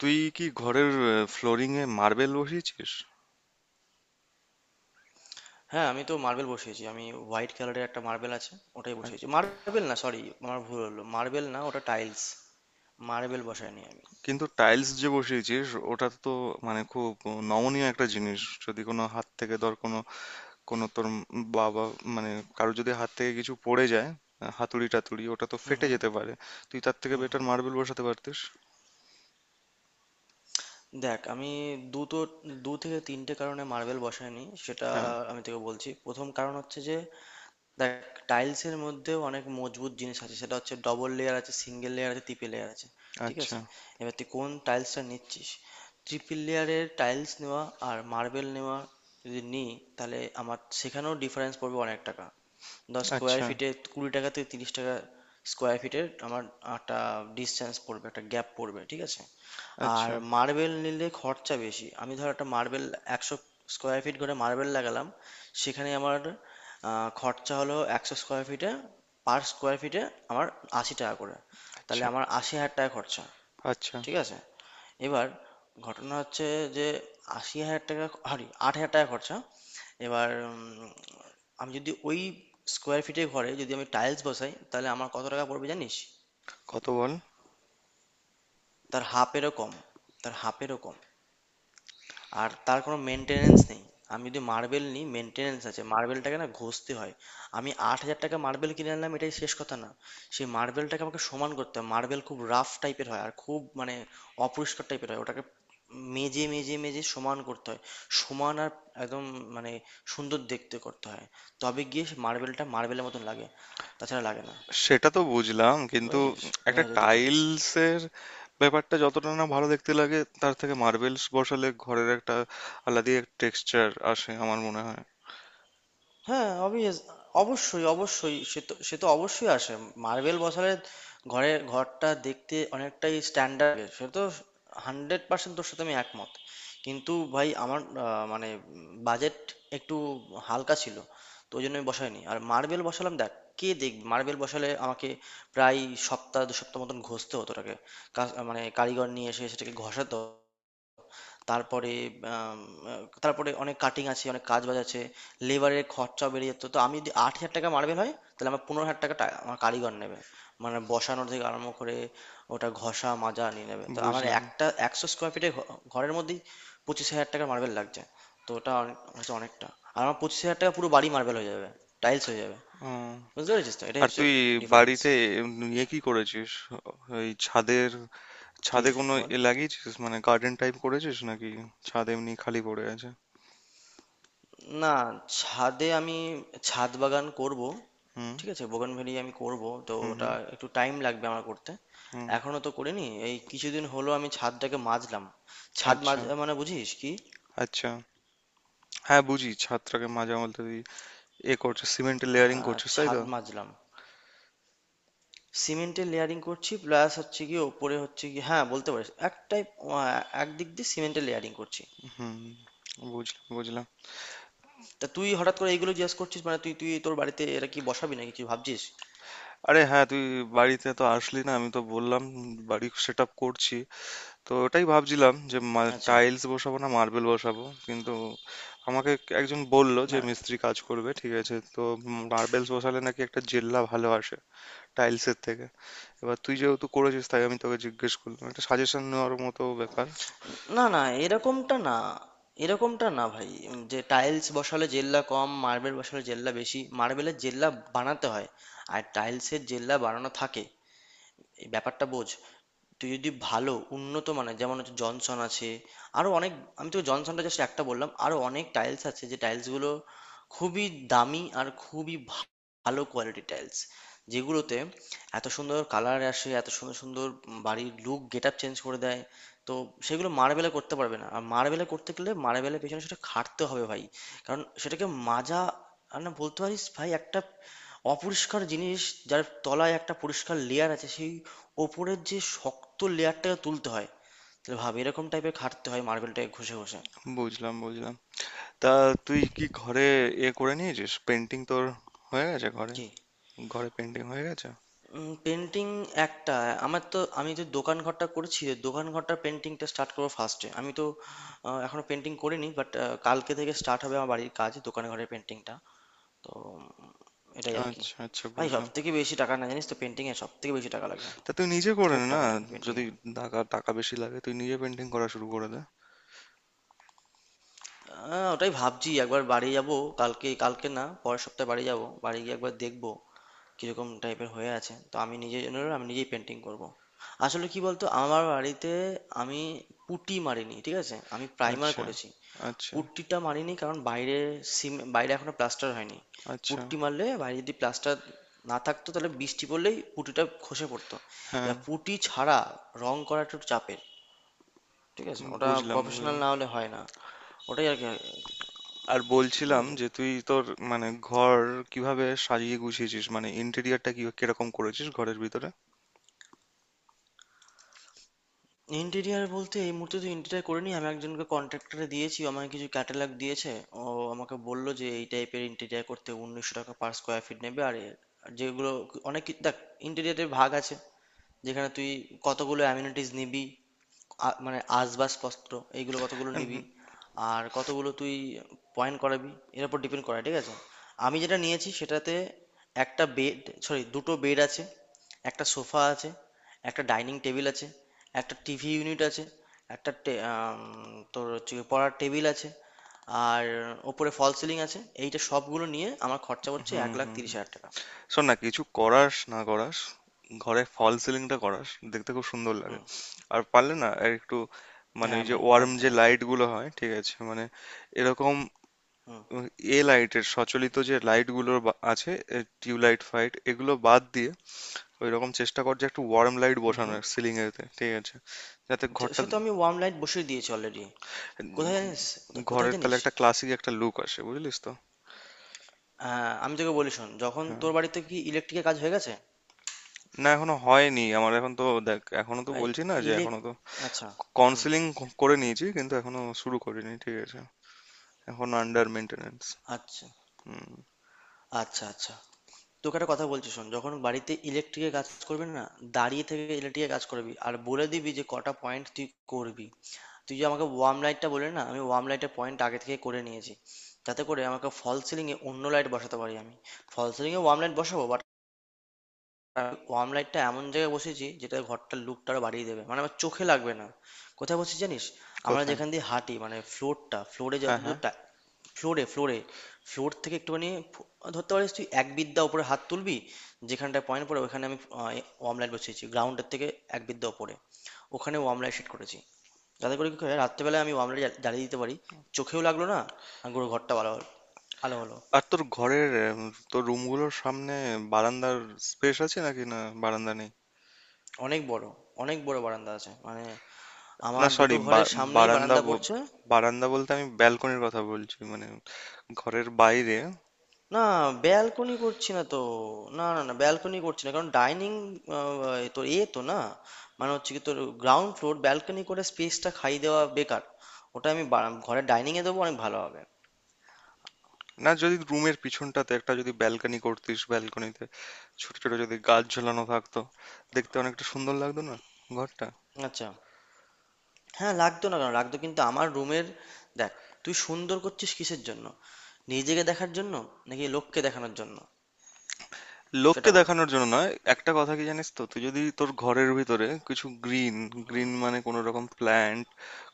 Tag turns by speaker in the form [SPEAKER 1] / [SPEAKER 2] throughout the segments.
[SPEAKER 1] তুই কি ঘরের ফ্লোরিং এ মার্বেল বসিয়েছিস?
[SPEAKER 2] হ্যাঁ, আমি তো মার্বেল বসিয়েছি। আমি হোয়াইট কালারের একটা মার্বেল আছে, ওটাই
[SPEAKER 1] আর
[SPEAKER 2] বসিয়েছি। মার্বেল না, সরি, আমার ভুল হলো। মার্বেল না, ওটা টাইলস। মার্বেল বসাইনি আমি।
[SPEAKER 1] কিন্তু টাইলস যে বসিয়েছিস ওটা তো মানে খুব নমনীয় একটা জিনিস। যদি কোনো হাত থেকে ধর কোনো কোনো তোর বাবা মানে কারো যদি হাত থেকে কিছু পড়ে যায়, হাতুড়ি টাতুড়ি, ওটা তো
[SPEAKER 2] হুম
[SPEAKER 1] ফেটে
[SPEAKER 2] হুম।
[SPEAKER 1] যেতে পারে। তুই তার থেকে বেটার মার্বেল বসাতে পারতিস।
[SPEAKER 2] দেখ, আমি দুটো দু থেকে তিনটে কারণে মার্বেল বসাইনি, সেটা
[SPEAKER 1] হ্যাঁ।
[SPEAKER 2] আমি তোকে বলছি। প্রথম কারণ হচ্ছে যে দেখ, টাইলস এর মধ্যেও অনেক মজবুত জিনিস আছে, সেটা হচ্ছে ডবল লেয়ার আছে, সিঙ্গেল লেয়ার আছে, ট্রিপল লেয়ার আছে, ঠিক
[SPEAKER 1] আচ্ছা।
[SPEAKER 2] আছে? এবার তুই কোন টাইলসটা নিচ্ছিস? ট্রিপল লেয়ারের টাইলস নেওয়া আর মার্বেল নেওয়া, যদি নিই, তাহলে আমার সেখানেও ডিফারেন্স পড়বে অনেক টাকা। দশ স্কোয়ার
[SPEAKER 1] আচ্ছা।
[SPEAKER 2] ফিটে ২০ টাকা থেকে ৩০ টাকা স্কোয়ার ফিটের আমার একটা ডিসটেন্স পড়বে, একটা গ্যাপ পড়বে, ঠিক আছে? আর
[SPEAKER 1] আচ্ছা।
[SPEAKER 2] মার্বেল নিলে খরচা বেশি। আমি ধর একটা মার্বেল ১০০ স্কোয়ার ফিট করে মার্বেল লাগালাম, সেখানে আমার খরচা হলো ১০০ স্কোয়ার ফিটে, পার স্কোয়ার ফিটে আমার ৮০ টাকা করে, তাহলে
[SPEAKER 1] আচ্ছা।
[SPEAKER 2] আমার ৮০,০০০ টাকা খরচা।
[SPEAKER 1] আচ্ছা।
[SPEAKER 2] ঠিক আছে? এবার ঘটনা হচ্ছে যে ৳৮০,০০০ সরি ৳৮,০০০ খরচা। এবার আমি যদি ওই স্কোয়ার ফিটের ঘরে যদি আমি টাইলস বসাই তাহলে আমার কত টাকা পড়বে জানিস?
[SPEAKER 1] কত বল?
[SPEAKER 2] তার হাফ এরও কম, তার হাফ এরও কম। আর তার কোনো মেনটেনেন্স নেই। আমি যদি মার্বেল নিই মেনটেনেন্স আছে, মার্বেলটাকে না ঘষতে হয়। আমি ৮,০০০ টাকা মার্বেল কিনে আনলাম, এটাই শেষ কথা না। সেই মার্বেলটাকে আমাকে সমান করতে হয়। মার্বেল খুব রাফ টাইপের হয় আর খুব মানে অপরিষ্কার টাইপের হয়, ওটাকে মেজে মেজে মেজে সমান করতে হয়, সমান আর একদম মানে সুন্দর দেখতে করতে হয়, তবে গিয়ে সে মার্বেলটা মার্বেলের মতন লাগে, তাছাড়া লাগে না।
[SPEAKER 1] সেটা তো বুঝলাম, কিন্তু
[SPEAKER 2] বুঝেছিস, এটা
[SPEAKER 1] একটা
[SPEAKER 2] হচ্ছে ডিফারেন্স।
[SPEAKER 1] টাইলসের ব্যাপারটা যতটা না ভালো দেখতে লাগে, তার থেকে মার্বেলস বসালে ঘরের একটা আলাদাই এক টেক্সচার আসে আমার মনে হয়।
[SPEAKER 2] হ্যাঁ অবভিয়াস, অবশ্যই অবশ্যই, সে তো অবশ্যই আসে। মার্বেল বসালে ঘরের, ঘরটা দেখতে অনেকটাই স্ট্যান্ডার্ড, সে তো হান্ড্রেড পার্সেন্ট তোর সাথে আমি একমত। কিন্তু ভাই আমার মানে বাজেট একটু হালকা ছিল, তো ওই জন্য আমি বসাইনি। আর মার্বেল বসালাম দেখ, কে দেখবে? মার্বেল বসালে আমাকে প্রায় সপ্তাহ দু সপ্তাহ মতন ঘষতে হতো ওটাকে। মানে কারিগর নিয়ে এসে সেটাকে ঘষাতো। তারপরে আম, তারপরে অনেক কাটিং আছে, অনেক কাজ বাজ আছে, লেবারের খরচা বেড়ে যেত। তো আমি যদি ৮,০০০ টাকা মার্বেল হয় তাহলে আমার ১৫,০০০ টাকা আমার কারিগর নেবে, মানে বসানো থেকে আরম্ভ করে ওটা ঘষা মাজা নিয়ে নেবে। তো আমার
[SPEAKER 1] বুঝলাম।
[SPEAKER 2] একটা ১০০ স্কোয়ার ফিটের ঘরের মধ্যেই ২৫,০০০ টাকার মার্বেল লাগছে, তো ওটা অনেক হচ্ছে, অনেকটা। আর আমার ২৫,০০০ টাকা পুরো বাড়ি মার্বেল হয়ে যাবে, টাইলস হয়ে যাবে।
[SPEAKER 1] উম,
[SPEAKER 2] বুঝতে পেরেছিস তো, এটাই
[SPEAKER 1] আর
[SPEAKER 2] হচ্ছে
[SPEAKER 1] তুই
[SPEAKER 2] ডিফারেন্স।
[SPEAKER 1] বাড়িতে নিয়ে কি করেছিস? ওই ছাদের
[SPEAKER 2] কি
[SPEAKER 1] ছাদে কোনো
[SPEAKER 2] বল?
[SPEAKER 1] এ লাগিয়েছিস, মানে গার্ডেন টাইপ করেছিস নাকি ছাদ এমনি খালি পড়ে আছে?
[SPEAKER 2] না, ছাদে আমি ছাদ বাগান করব।
[SPEAKER 1] হুম।
[SPEAKER 2] ঠিক আছে? বোগানভেলিয়া আমি করব। তো
[SPEAKER 1] হুম।
[SPEAKER 2] ওটা
[SPEAKER 1] হুম।
[SPEAKER 2] একটু টাইম লাগবে আমার করতে।
[SPEAKER 1] হুম।
[SPEAKER 2] এখনো তো করিনি। এই কিছুদিন হলো আমি ছাদটাকে মাজলাম। ছাদ
[SPEAKER 1] আচ্ছা।
[SPEAKER 2] মাজা মানে বুঝিস কি?
[SPEAKER 1] আচ্ছা। হ্যাঁ বুঝি, ছাদটাকে মাঝে মধ্যে তুই এ করছিস, সিমেন্টের লেয়ারিং
[SPEAKER 2] হ্যাঁ,
[SPEAKER 1] করছিস, তাই
[SPEAKER 2] ছাদ
[SPEAKER 1] তো?
[SPEAKER 2] মাজলাম। সিমেন্টের লেয়ারিং করছি, প্লাস হচ্ছে গিয়ে ওপরে হচ্ছে গিয়ে হ্যাঁ, বলতে পারিস। একটাই আ একদিক দিয়ে সিমেন্টের লেয়ারিং করছি।
[SPEAKER 1] হুম। বুঝলাম বুঝলাম।
[SPEAKER 2] তা তুই হঠাৎ করে এইগুলো জিজ্ঞেস করছিস মানে তুই তুই তোর বাড়িতে এটা কি বসাবি নাকি কিছু ভাবছিস?
[SPEAKER 1] আরে হ্যাঁ, তুই বাড়িতে তো আসলি না। আমি তো বললাম বাড়ি সেট আপ করছি, তো ওটাই ভাবছিলাম যে
[SPEAKER 2] আচ্ছা,
[SPEAKER 1] টাইলস বসাবো না মার্বেল বসাবো, কিন্তু আমাকে একজন বলল যে
[SPEAKER 2] না
[SPEAKER 1] মিস্ত্রি কাজ করবে, ঠিক আছে? তো মার্বেলস বসালে নাকি একটা জেল্লা ভালো আসে টাইলসের থেকে। এবার তুই যেহেতু করেছিস, তাই আমি তোকে জিজ্ঞেস করলাম, একটা সাজেশন নেওয়ার মতো ব্যাপার।
[SPEAKER 2] না না, এরকমটা না, এরকমটা না ভাই। যে টাইলস বসালে জেল্লা কম, মার্বেল বসালে জেল্লা বেশি, মার্বেলের জেল্লা বানাতে হয় আর টাইলসের জেল্লা বানানো থাকে। এই ব্যাপারটা বোঝ। তুই যদি ভালো উন্নত মানের, যেমন হচ্ছে জনসন আছে, আরো অনেক, আমি তোকে জনসনটা জাস্ট একটা বললাম, আরো অনেক টাইলস আছে যে টাইলস গুলো খুবই দামি আর খুবই ভালো কোয়ালিটি টাইলস, যেগুলোতে এত সুন্দর কালার আসে, এত সুন্দর সুন্দর, বাড়ির লুক গেট আপ চেঞ্জ করে দেয়। তো সেগুলো মার্বেলে করতে পারবে না, আর মার্বেলে করতে গেলে মার্বেলের পেছনে সেটা খাটতে হবে ভাই। কারণ সেটাকে মাজা আর না, বলতে পারিস ভাই, একটা অপরিষ্কার জিনিস, যার তলায় একটা পরিষ্কার লেয়ার আছে, সেই ওপরের যে শক্ত লেয়ারটাকে তুলতে হয়। তাহলে ভাব, এরকম টাইপের খাটতে হয় মার্বেলটাকে ঘষে ঘষে।
[SPEAKER 1] বুঝলাম বুঝলাম। তা তুই কি ঘরে এ করে নিয়েছিস? পেন্টিং তোর হয়ে গেছে ঘরে?
[SPEAKER 2] জি।
[SPEAKER 1] ঘরে পেন্টিং হয়ে গেছে?
[SPEAKER 2] পেন্টিং, একটা, আমার তো, আমি তো দোকান ঘরটা করেছি, দোকান ঘরটার পেন্টিংটা স্টার্ট করবো ফার্স্টে। আমি তো এখনো পেন্টিং করিনি, বাট কালকে থেকে স্টার্ট হবে আমার বাড়ির কাজ, দোকান ঘরের পেন্টিংটা। তো এটাই আর কি।
[SPEAKER 1] আচ্ছা আচ্ছা
[SPEAKER 2] ভাই সব
[SPEAKER 1] বুঝলাম।
[SPEAKER 2] থেকে বেশি টাকা না, জানিস তো, পেন্টিংয়ে সব থেকে বেশি টাকা লাগবে।
[SPEAKER 1] তা তুই নিজে করে
[SPEAKER 2] খুব
[SPEAKER 1] নে না।
[SPEAKER 2] টাকা লাগবে
[SPEAKER 1] যদি
[SPEAKER 2] পেন্টিংয়ে।
[SPEAKER 1] টাকা টাকা বেশি লাগে তুই নিজে পেন্টিং করা শুরু করে দে।
[SPEAKER 2] আহ, ওটাই ভাবছি, একবার বাড়ি যাব, কালকে, কালকে না, পরের সপ্তাহে বাড়ি যাব। বাড়ি গিয়ে একবার দেখবো কিরকম টাইপের হয়ে আছে। তো আমি নিজের জন্য আমি নিজেই পেন্টিং করব। আসলে কি বলতো, আমার বাড়িতে আমি পুটি মারিনি, ঠিক আছে, আমি প্রাইমার
[SPEAKER 1] আচ্ছা।
[SPEAKER 2] করেছি।
[SPEAKER 1] আচ্ছা।
[SPEAKER 2] পুট্টিটা মারিনি কারণ বাইরে, বাইরে এখনো প্লাস্টার হয়নি।
[SPEAKER 1] আচ্ছা।
[SPEAKER 2] পুট্টি মারলে বাইরে যদি প্লাস্টার না থাকতো তাহলে বৃষ্টি পড়লেই পুটিটা খসে পড়তো।
[SPEAKER 1] হ্যাঁ।
[SPEAKER 2] এবার পুটি ছাড়া রং করাটা একটু চাপের। ঠিক আছে, ওটা
[SPEAKER 1] বুঝলাম
[SPEAKER 2] প্রফেশনাল
[SPEAKER 1] বুঝলাম।
[SPEAKER 2] না হলে হয় না। ওটাই আর কি।
[SPEAKER 1] আর
[SPEAKER 2] বুঝতে
[SPEAKER 1] বলছিলাম
[SPEAKER 2] পেরেছো?
[SPEAKER 1] যে তুই তোর মানে ঘর কিভাবে সাজিয়ে গুছিয়েছিস, মানে ইন্টেরিয়রটা কি কিরকম করেছিস ঘরের ভিতরে?
[SPEAKER 2] ইন্টেরিয়ার বলতে এই মুহূর্তে তো ইন্টেরিয়ার করিনি, আমি একজনকে কন্ট্রাক্টরে দিয়েছি, ও আমাকে কিছু ক্যাটালগ দিয়েছে। ও আমাকে বললো যে এই টাইপের ইন্টেরিয়ার করতে ১৯০০ টাকা পার স্কোয়ার ফিট নেবে। আর আর যেগুলো অনেক দেখ, ইন্টেরিয়ারের ভাগ আছে, যেখানে তুই কতগুলো অ্যামিনিটিস নিবি, মানে আসবাবপত্র এইগুলো কতগুলো
[SPEAKER 1] হুম।
[SPEAKER 2] নিবি আর কতগুলো তুই পয়েন্ট করাবি, এর উপর ডিপেন্ড করে, ঠিক আছে? আমি যেটা নিয়েছি সেটাতে একটা বেড, সরি, দুটো বেড আছে, একটা সোফা আছে, একটা ডাইনিং টেবিল আছে, একটা টিভি ইউনিট আছে, একটা তোর হচ্ছে গিয়ে পড়ার টেবিল আছে, আর ওপরে ফল সিলিং আছে, এইটা সবগুলো নিয়ে আমার খরচা পড়ছে
[SPEAKER 1] হুম।
[SPEAKER 2] এক লাখ
[SPEAKER 1] হুম।
[SPEAKER 2] তিরিশ
[SPEAKER 1] হুম।
[SPEAKER 2] হাজার টাকা
[SPEAKER 1] শোন না, কিছু করাস না করাস, ঘরে ফল সিলিংটা করাস, দেখতে খুব সুন্দর লাগে।
[SPEAKER 2] হুম।
[SPEAKER 1] আর পারলে না, আর একটু মানে
[SPEAKER 2] হ্যাঁ
[SPEAKER 1] ওই যে
[SPEAKER 2] ভাই,
[SPEAKER 1] ওয়ার্ম
[SPEAKER 2] একদম
[SPEAKER 1] যে
[SPEAKER 2] একদম।
[SPEAKER 1] লাইট গুলো হয়, ঠিক আছে? মানে এরকম,
[SPEAKER 2] হুম
[SPEAKER 1] এবং এ লাইটের সচলিত যে লাইটগুলো আছে, টিউবলাইট ফাইট এগুলো বাদ দিয়ে ওই রকম চেষ্টা কর যে একটা ওয়ার্ম লাইট
[SPEAKER 2] হুম হুম।
[SPEAKER 1] বসানোর সিলিং এতে, ঠিক আছে? যাতে
[SPEAKER 2] তো
[SPEAKER 1] ঘরটা
[SPEAKER 2] সে তো আমি ওয়ার্ম লাইট বসিয়ে দিয়েছি অলরেডি। কোথায়
[SPEAKER 1] উম,
[SPEAKER 2] জানিস? কোথায় কোথায়
[SPEAKER 1] ঘরের তাহলে
[SPEAKER 2] জানিস?
[SPEAKER 1] একটা ক্লাসিক একটা লুক আসে, বুঝলিস তো।
[SPEAKER 2] হ্যাঁ আমি তোকে বলি, শোন, যখন,
[SPEAKER 1] হ্যাঁ।
[SPEAKER 2] তোর বাড়িতে কি ইলেকট্রিকের কাজ হয়ে গেছে?
[SPEAKER 1] না এখনো হয়নি, আমার এখন তো দেখ, এখনো তো
[SPEAKER 2] ভাই
[SPEAKER 1] বলছি না যে
[SPEAKER 2] ইলেক
[SPEAKER 1] এখনো তো
[SPEAKER 2] আচ্ছা। হুম।
[SPEAKER 1] কাউন্সিলিং করে নিয়েছি কিন্তু এখনো শুরু করিনি, ঠিক আছে? এখন আন্ডার মেনটেনেন্স।
[SPEAKER 2] আচ্ছা
[SPEAKER 1] হুম।
[SPEAKER 2] আচ্ছা। আচ্ছা, তোকে একটা কথা বলছি শোন, যখন বাড়িতে ইলেকট্রিকের কাজ করবি না, দাঁড়িয়ে থেকে ইলেকট্রিকের কাজ করবি, আর বলে দিবি যে কটা পয়েন্ট তুই করবি। তুই যে আমাকে ওয়ার্ম লাইটটা বলে না, আমি ওয়ার্ম লাইটের পয়েন্ট আগে থেকে করে নিয়েছি, যাতে করে আমাকে ফল সিলিংয়ে অন্য লাইট বসাতে পারি। আমি ফল সিলিংয়ে ওয়ার্ম লাইট বসাবো, বাট আর ওয়ার্ম লাইটটা এমন জায়গায় বসিয়েছি যেটা ঘরটার লুকটা আরো বাড়িয়ে দেবে, মানে আমার চোখে লাগবে না। কোথায় বসেছি জানিস? আমরা
[SPEAKER 1] কোথায়?
[SPEAKER 2] যেখান দিয়ে হাঁটি, মানে ফ্লোরটা, ফ্লোরে
[SPEAKER 1] হ্যাঁ হ্যাঁ।
[SPEAKER 2] যতদূর, ফ্লোরে ফ্লোরে ফ্লোর থেকে একটুখানি, ফ- ধরতে পারিস তুই এক বিদ্যা উপরে হাত তুলবি, যেখানটায় পয়েন্ট পড়ে, ওখানে আমি ওয়ার্ম লাইট বসিয়েছি, গ্রাউন্ডের থেকে এক বিদ্যা উপরে, ওখানে ওয়ার্ম লাইট সেট করেছি, যাতে করে কি হয়, রাত্রেবেলায় আমি ওয়ার্ম লাইট জ্বালিয়ে দিতে পারি, চোখেও লাগলো না আর পুরো ঘরটা ভালো আলো হলো।
[SPEAKER 1] আর তোর ঘরের তোর রুমগুলোর সামনে বারান্দার স্পেস আছে নাকি, না বারান্দা নেই?
[SPEAKER 2] অনেক বড়, অনেক বড় বারান্দা আছে, মানে
[SPEAKER 1] না
[SPEAKER 2] আমার দুটো
[SPEAKER 1] সরি,
[SPEAKER 2] ঘরের সামনেই
[SPEAKER 1] বারান্দা
[SPEAKER 2] বারান্দা
[SPEAKER 1] ব-
[SPEAKER 2] পড়ছে।
[SPEAKER 1] বারান্দা বলতে আমি ব্যালকনির কথা বলছি, মানে ঘরের বাইরে।
[SPEAKER 2] না, ব্যালকনি করছি না তো। না না না, ব্যালকনি করছি না, কারণ ডাইনিং, তোর এ তো না, মানে হচ্ছে কি, তোর গ্রাউন্ড ফ্লোর ব্যালকনি করে স্পেসটা খাই দেওয়া বেকার। ওটা আমি ঘরের ডাইনিং এ দেবো, অনেক ভালো হবে।
[SPEAKER 1] না, যদি রুমের পিছনটাতে একটা যদি ব্যালকনি করতিস, ব্যালকনিতে ছোট ছোট যদি গাছ ঝোলানো থাকতো, দেখতে অনেকটা সুন্দর লাগতো না ঘরটা?
[SPEAKER 2] আচ্ছা, হ্যাঁ লাগতো না কেন, লাগতো। কিন্তু আমার রুমের, দেখ, তুই সুন্দর করছিস কিসের জন্য, নিজেকে দেখার জন্য নাকি লোককে দেখানোর জন্য?
[SPEAKER 1] লোককে
[SPEAKER 2] সেটা বল।
[SPEAKER 1] দেখানোর জন্য নয়, একটা কথা কি জানিস তো, তুই যদি তোর ঘরের ভিতরে কিছু গ্রিন,
[SPEAKER 2] হুম।
[SPEAKER 1] গ্রিন মানে কোনো রকম প্ল্যান্ট,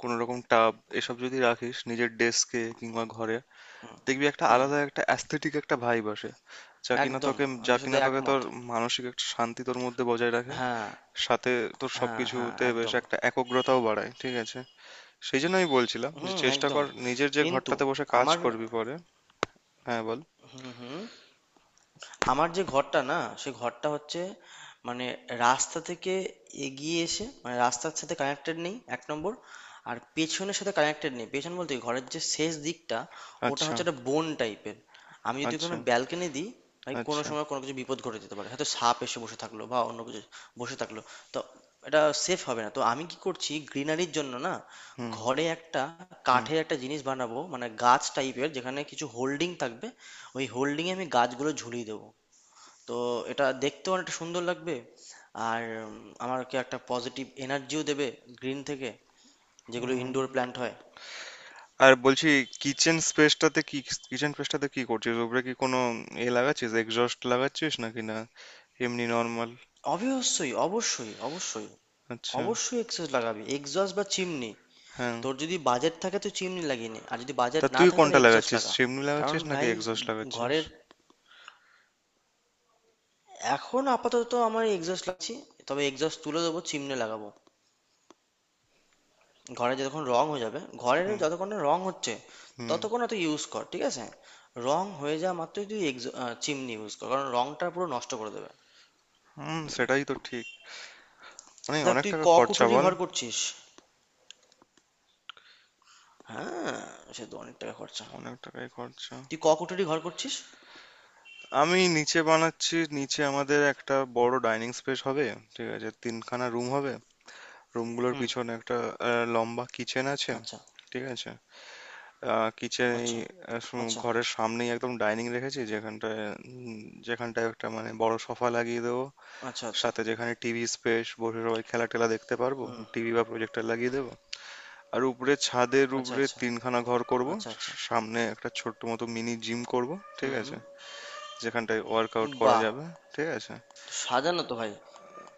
[SPEAKER 1] কোনো রকম টাব, এসব যদি রাখিস নিজের ডেস্কে কিংবা ঘরে, দেখবি একটা
[SPEAKER 2] হুম,
[SPEAKER 1] আলাদা একটা অ্যাস্থেটিক একটা ভাইব আসে, যা কিনা
[SPEAKER 2] একদম,
[SPEAKER 1] তোকে
[SPEAKER 2] আমি তোর সাথে
[SPEAKER 1] তোর
[SPEAKER 2] একমত।
[SPEAKER 1] মানসিক একটা শান্তি তোর মধ্যে বজায় রাখে।
[SPEAKER 2] হ্যাঁ।
[SPEAKER 1] সাথে তোর
[SPEAKER 2] হ্যাঁ হ্যাঁ,
[SPEAKER 1] সবকিছুতে বেশ
[SPEAKER 2] একদম।
[SPEAKER 1] একটা একগ্রতাও বাড়ায়, ঠিক আছে? সেই জন্য আমি বলছিলাম যে
[SPEAKER 2] হুম,
[SPEAKER 1] চেষ্টা
[SPEAKER 2] একদম।
[SPEAKER 1] কর নিজের যে
[SPEAKER 2] কিন্তু
[SPEAKER 1] ঘরটাতে বসে কাজ
[SPEAKER 2] আমার,
[SPEAKER 1] করবি পরে। হ্যাঁ বল।
[SPEAKER 2] হুম, হুম, আমার যে ঘরটা না, সে ঘরটা হচ্ছে মানে রাস্তা থেকে এগিয়ে এসে, মানে রাস্তার সাথে কানেক্টেড নেই, এক নম্বর, আর পেছনের সাথে কানেক্টেড নেই, পেছন বলতে কি, ঘরের যে শেষ দিকটা ওটা
[SPEAKER 1] আচ্ছা।
[SPEAKER 2] হচ্ছে একটা বোন টাইপের। আমি যদি
[SPEAKER 1] আচ্ছা।
[SPEAKER 2] কোনো ব্যালকনি দিই, ভাই কোনো
[SPEAKER 1] আচ্ছা।
[SPEAKER 2] সময় কোনো কিছু বিপদ ঘটে যেতে পারে, হয়তো সাপ এসে বসে থাকলো বা অন্য কিছু বসে থাকলো। তো এটা সেফ হবে না। তো আমি কি করছি, গ্রিনারির জন্য না,
[SPEAKER 1] হুম।
[SPEAKER 2] ঘরে একটা
[SPEAKER 1] হুম।
[SPEAKER 2] কাঠের একটা জিনিস বানাবো, মানে গাছ টাইপের যেখানে কিছু হোল্ডিং থাকবে, ওই হোল্ডিংয়ে আমি গাছগুলো ঝুলিয়ে দেবো। তো এটা দেখতেও অনেকটা সুন্দর লাগবে, আর উম, আমাকে একটা পজিটিভ এনার্জিও দেবে গ্রিন থেকে, যেগুলো ইনডোর
[SPEAKER 1] হুম।
[SPEAKER 2] প্ল্যান্ট হয়।
[SPEAKER 1] আর বলছি, কিচেন স্পেসটাতে কি, কিচেন স্পেসটাতে কি করছিস উপরে? কি কোনো এ লাগাচ্ছিস, এক্সস্ট লাগাচ্ছিস নাকি না এমনি নর্মাল?
[SPEAKER 2] অবশ্যই অবশ্যই অবশ্যই।
[SPEAKER 1] আচ্ছা।
[SPEAKER 2] অবশ্যই এক্সজস্ট লাগাবি, এক্সজস্ট বা চিমনি।
[SPEAKER 1] হ্যাঁ।
[SPEAKER 2] তোর যদি বাজেট থাকে তুই চিমনি লাগিয়ে নে, আর যদি বাজেট
[SPEAKER 1] তা
[SPEAKER 2] না
[SPEAKER 1] তুই
[SPEAKER 2] থাকে
[SPEAKER 1] কোনটা
[SPEAKER 2] তাহলে এক্সজস্ট
[SPEAKER 1] লাগাচ্ছিস,
[SPEAKER 2] লাগা।
[SPEAKER 1] চিমনি
[SPEAKER 2] কারণ
[SPEAKER 1] লাগাচ্ছিস নাকি
[SPEAKER 2] ভাই
[SPEAKER 1] এক্সস্ট লাগাচ্ছিস?
[SPEAKER 2] ঘরের, এখন আপাতত আমার এক্সজস্ট লাগছি, তবে এক্সজস্ট তুলে দেবো, চিমনি লাগাবো। ঘরে যতক্ষণ রং হয়ে যাবে,
[SPEAKER 1] হুম।
[SPEAKER 2] ঘরের যতক্ষণ না রং হচ্ছে
[SPEAKER 1] হুম।
[SPEAKER 2] ততক্ষণ না তুই ইউজ কর, ঠিক আছে? রং হয়ে যাওয়া মাত্রই তুই চিমনি ইউজ কর, কারণ রংটা পুরো নষ্ট করে দেবে।
[SPEAKER 1] হুম
[SPEAKER 2] বুঝলে?
[SPEAKER 1] সেটাই তো ঠিক। অনেক
[SPEAKER 2] দেখ
[SPEAKER 1] অনেক
[SPEAKER 2] তুই
[SPEAKER 1] টাকা
[SPEAKER 2] ক
[SPEAKER 1] খরচা
[SPEAKER 2] কুটুরি
[SPEAKER 1] বল।
[SPEAKER 2] ঘর করছিস। হ্যাঁ, সে তো অনেক টাকা খরচা।
[SPEAKER 1] অনেক টাকাই খরচা।
[SPEAKER 2] তুই ক কুটুরি ঘর করছিস?
[SPEAKER 1] আমি নিচে বানাচ্ছি, নিচে আমাদের একটা বড় ডাইনিং স্পেস হবে। ঠিক আছে, তিনখানা রুম হবে। রুমগুলোর
[SPEAKER 2] হুম।
[SPEAKER 1] পিছনে একটা লম্বা কিচেন আছে,
[SPEAKER 2] আচ্ছা
[SPEAKER 1] ঠিক আছে। কিচেন এই
[SPEAKER 2] আচ্ছা। আচ্ছা
[SPEAKER 1] ঘরের সামনেই একদম ডাইনিং রেখেছি যেখানটায়, উম, যেখানটায় একটা মানে বড় সোফা লাগিয়ে দেবো।
[SPEAKER 2] আচ্ছা আচ্ছা।
[SPEAKER 1] সাথে যেখানে টিভি স্পেস, বসে সবাই খেলা টেলা দেখতে পারবো,
[SPEAKER 2] হুম।
[SPEAKER 1] টিভি বা প্রজেক্টর লাগিয়ে দেবো। আর উপরে ছাদের
[SPEAKER 2] আচ্ছা
[SPEAKER 1] উপরে
[SPEAKER 2] আচ্ছা।
[SPEAKER 1] তিনখানা ঘর করব,
[SPEAKER 2] আচ্ছা আচ্ছা।
[SPEAKER 1] সামনে একটা ছোট্ট মতো মিনি জিম করব, ঠিক
[SPEAKER 2] হুম হুম।
[SPEAKER 1] আছে? যেখানটায় ওয়ার্কআউট করা
[SPEAKER 2] বাহ,
[SPEAKER 1] যাবে, ঠিক আছে।
[SPEAKER 2] সাজানো তো ভাই।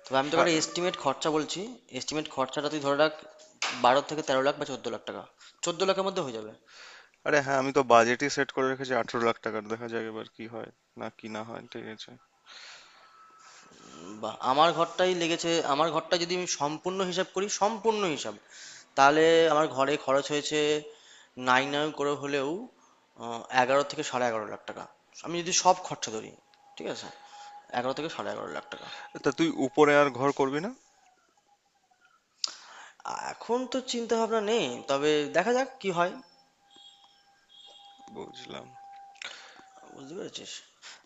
[SPEAKER 2] তবে আমি তোকে
[SPEAKER 1] সা-
[SPEAKER 2] একটা এস্টিমেট খরচা বলছি, এস্টিমেট খরচাটা তুই ধরে রাখ, ১২ থেকে ১৩ লাখ বা ১৪ লাখ টাকা, ১৪ লাখের মধ্যে হয়ে যাবে।
[SPEAKER 1] আরে হ্যাঁ, আমি তো বাজেটই সেট করে রেখেছি 18 লাখ টাকার, দেখা যাক এবার কি হয় না কি না হয়, ঠিক আছে।
[SPEAKER 2] বা আমার ঘরটাই লেগেছে, আমার ঘরটা যদি আমি সম্পূর্ণ হিসাব করি, সম্পূর্ণ হিসাব, তাহলে আমার ঘরে খরচ হয়েছে নাই নাই করে হলেও ১১ থেকে সাড়ে ১১ লাখ টাকা, আমি যদি সব খরচা ধরি। ঠিক আছে, ১১ থেকে সাড়ে ১১ লাখ টাকা।
[SPEAKER 1] তা তুই উপরে আর ঘর করবি না?
[SPEAKER 2] এখন তো চিন্তা ভাবনা নেই, তবে দেখা যাক কি হয়।
[SPEAKER 1] বুঝলাম।
[SPEAKER 2] বুঝতে পেরেছিস?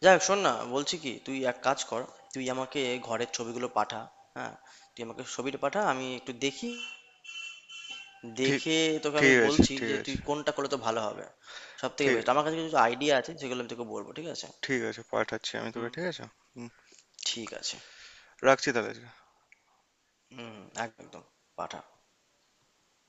[SPEAKER 2] যাই হোক, শোন না, বলছি কি, তুই এক কাজ কর, তুই আমাকে ঘরের ছবিগুলো পাঠা। হ্যাঁ, তুই আমাকে ছবিটা পাঠা, আমি একটু দেখি,
[SPEAKER 1] ঠিক।
[SPEAKER 2] দেখে তোকে আমি
[SPEAKER 1] ঠিক আছে।
[SPEAKER 2] বলছি
[SPEAKER 1] ঠিক
[SPEAKER 2] যে তুই
[SPEAKER 1] আছে।
[SPEAKER 2] কোনটা করলে তো ভালো হবে, সব থেকে
[SPEAKER 1] ঠিক।
[SPEAKER 2] বেস্ট। আমার কাছে কিছু আইডিয়া আছে, সেগুলো আমি তোকে বলবো, ঠিক আছে?
[SPEAKER 1] ঠিক আছে, পাঠাচ্ছি আমি
[SPEAKER 2] হুম।
[SPEAKER 1] তোকে, ঠিক আছে। হুম।
[SPEAKER 2] ঠিক আছে।
[SPEAKER 1] রাখছি তাহলে।
[SPEAKER 2] হুম, একদম একদম, পাঠা।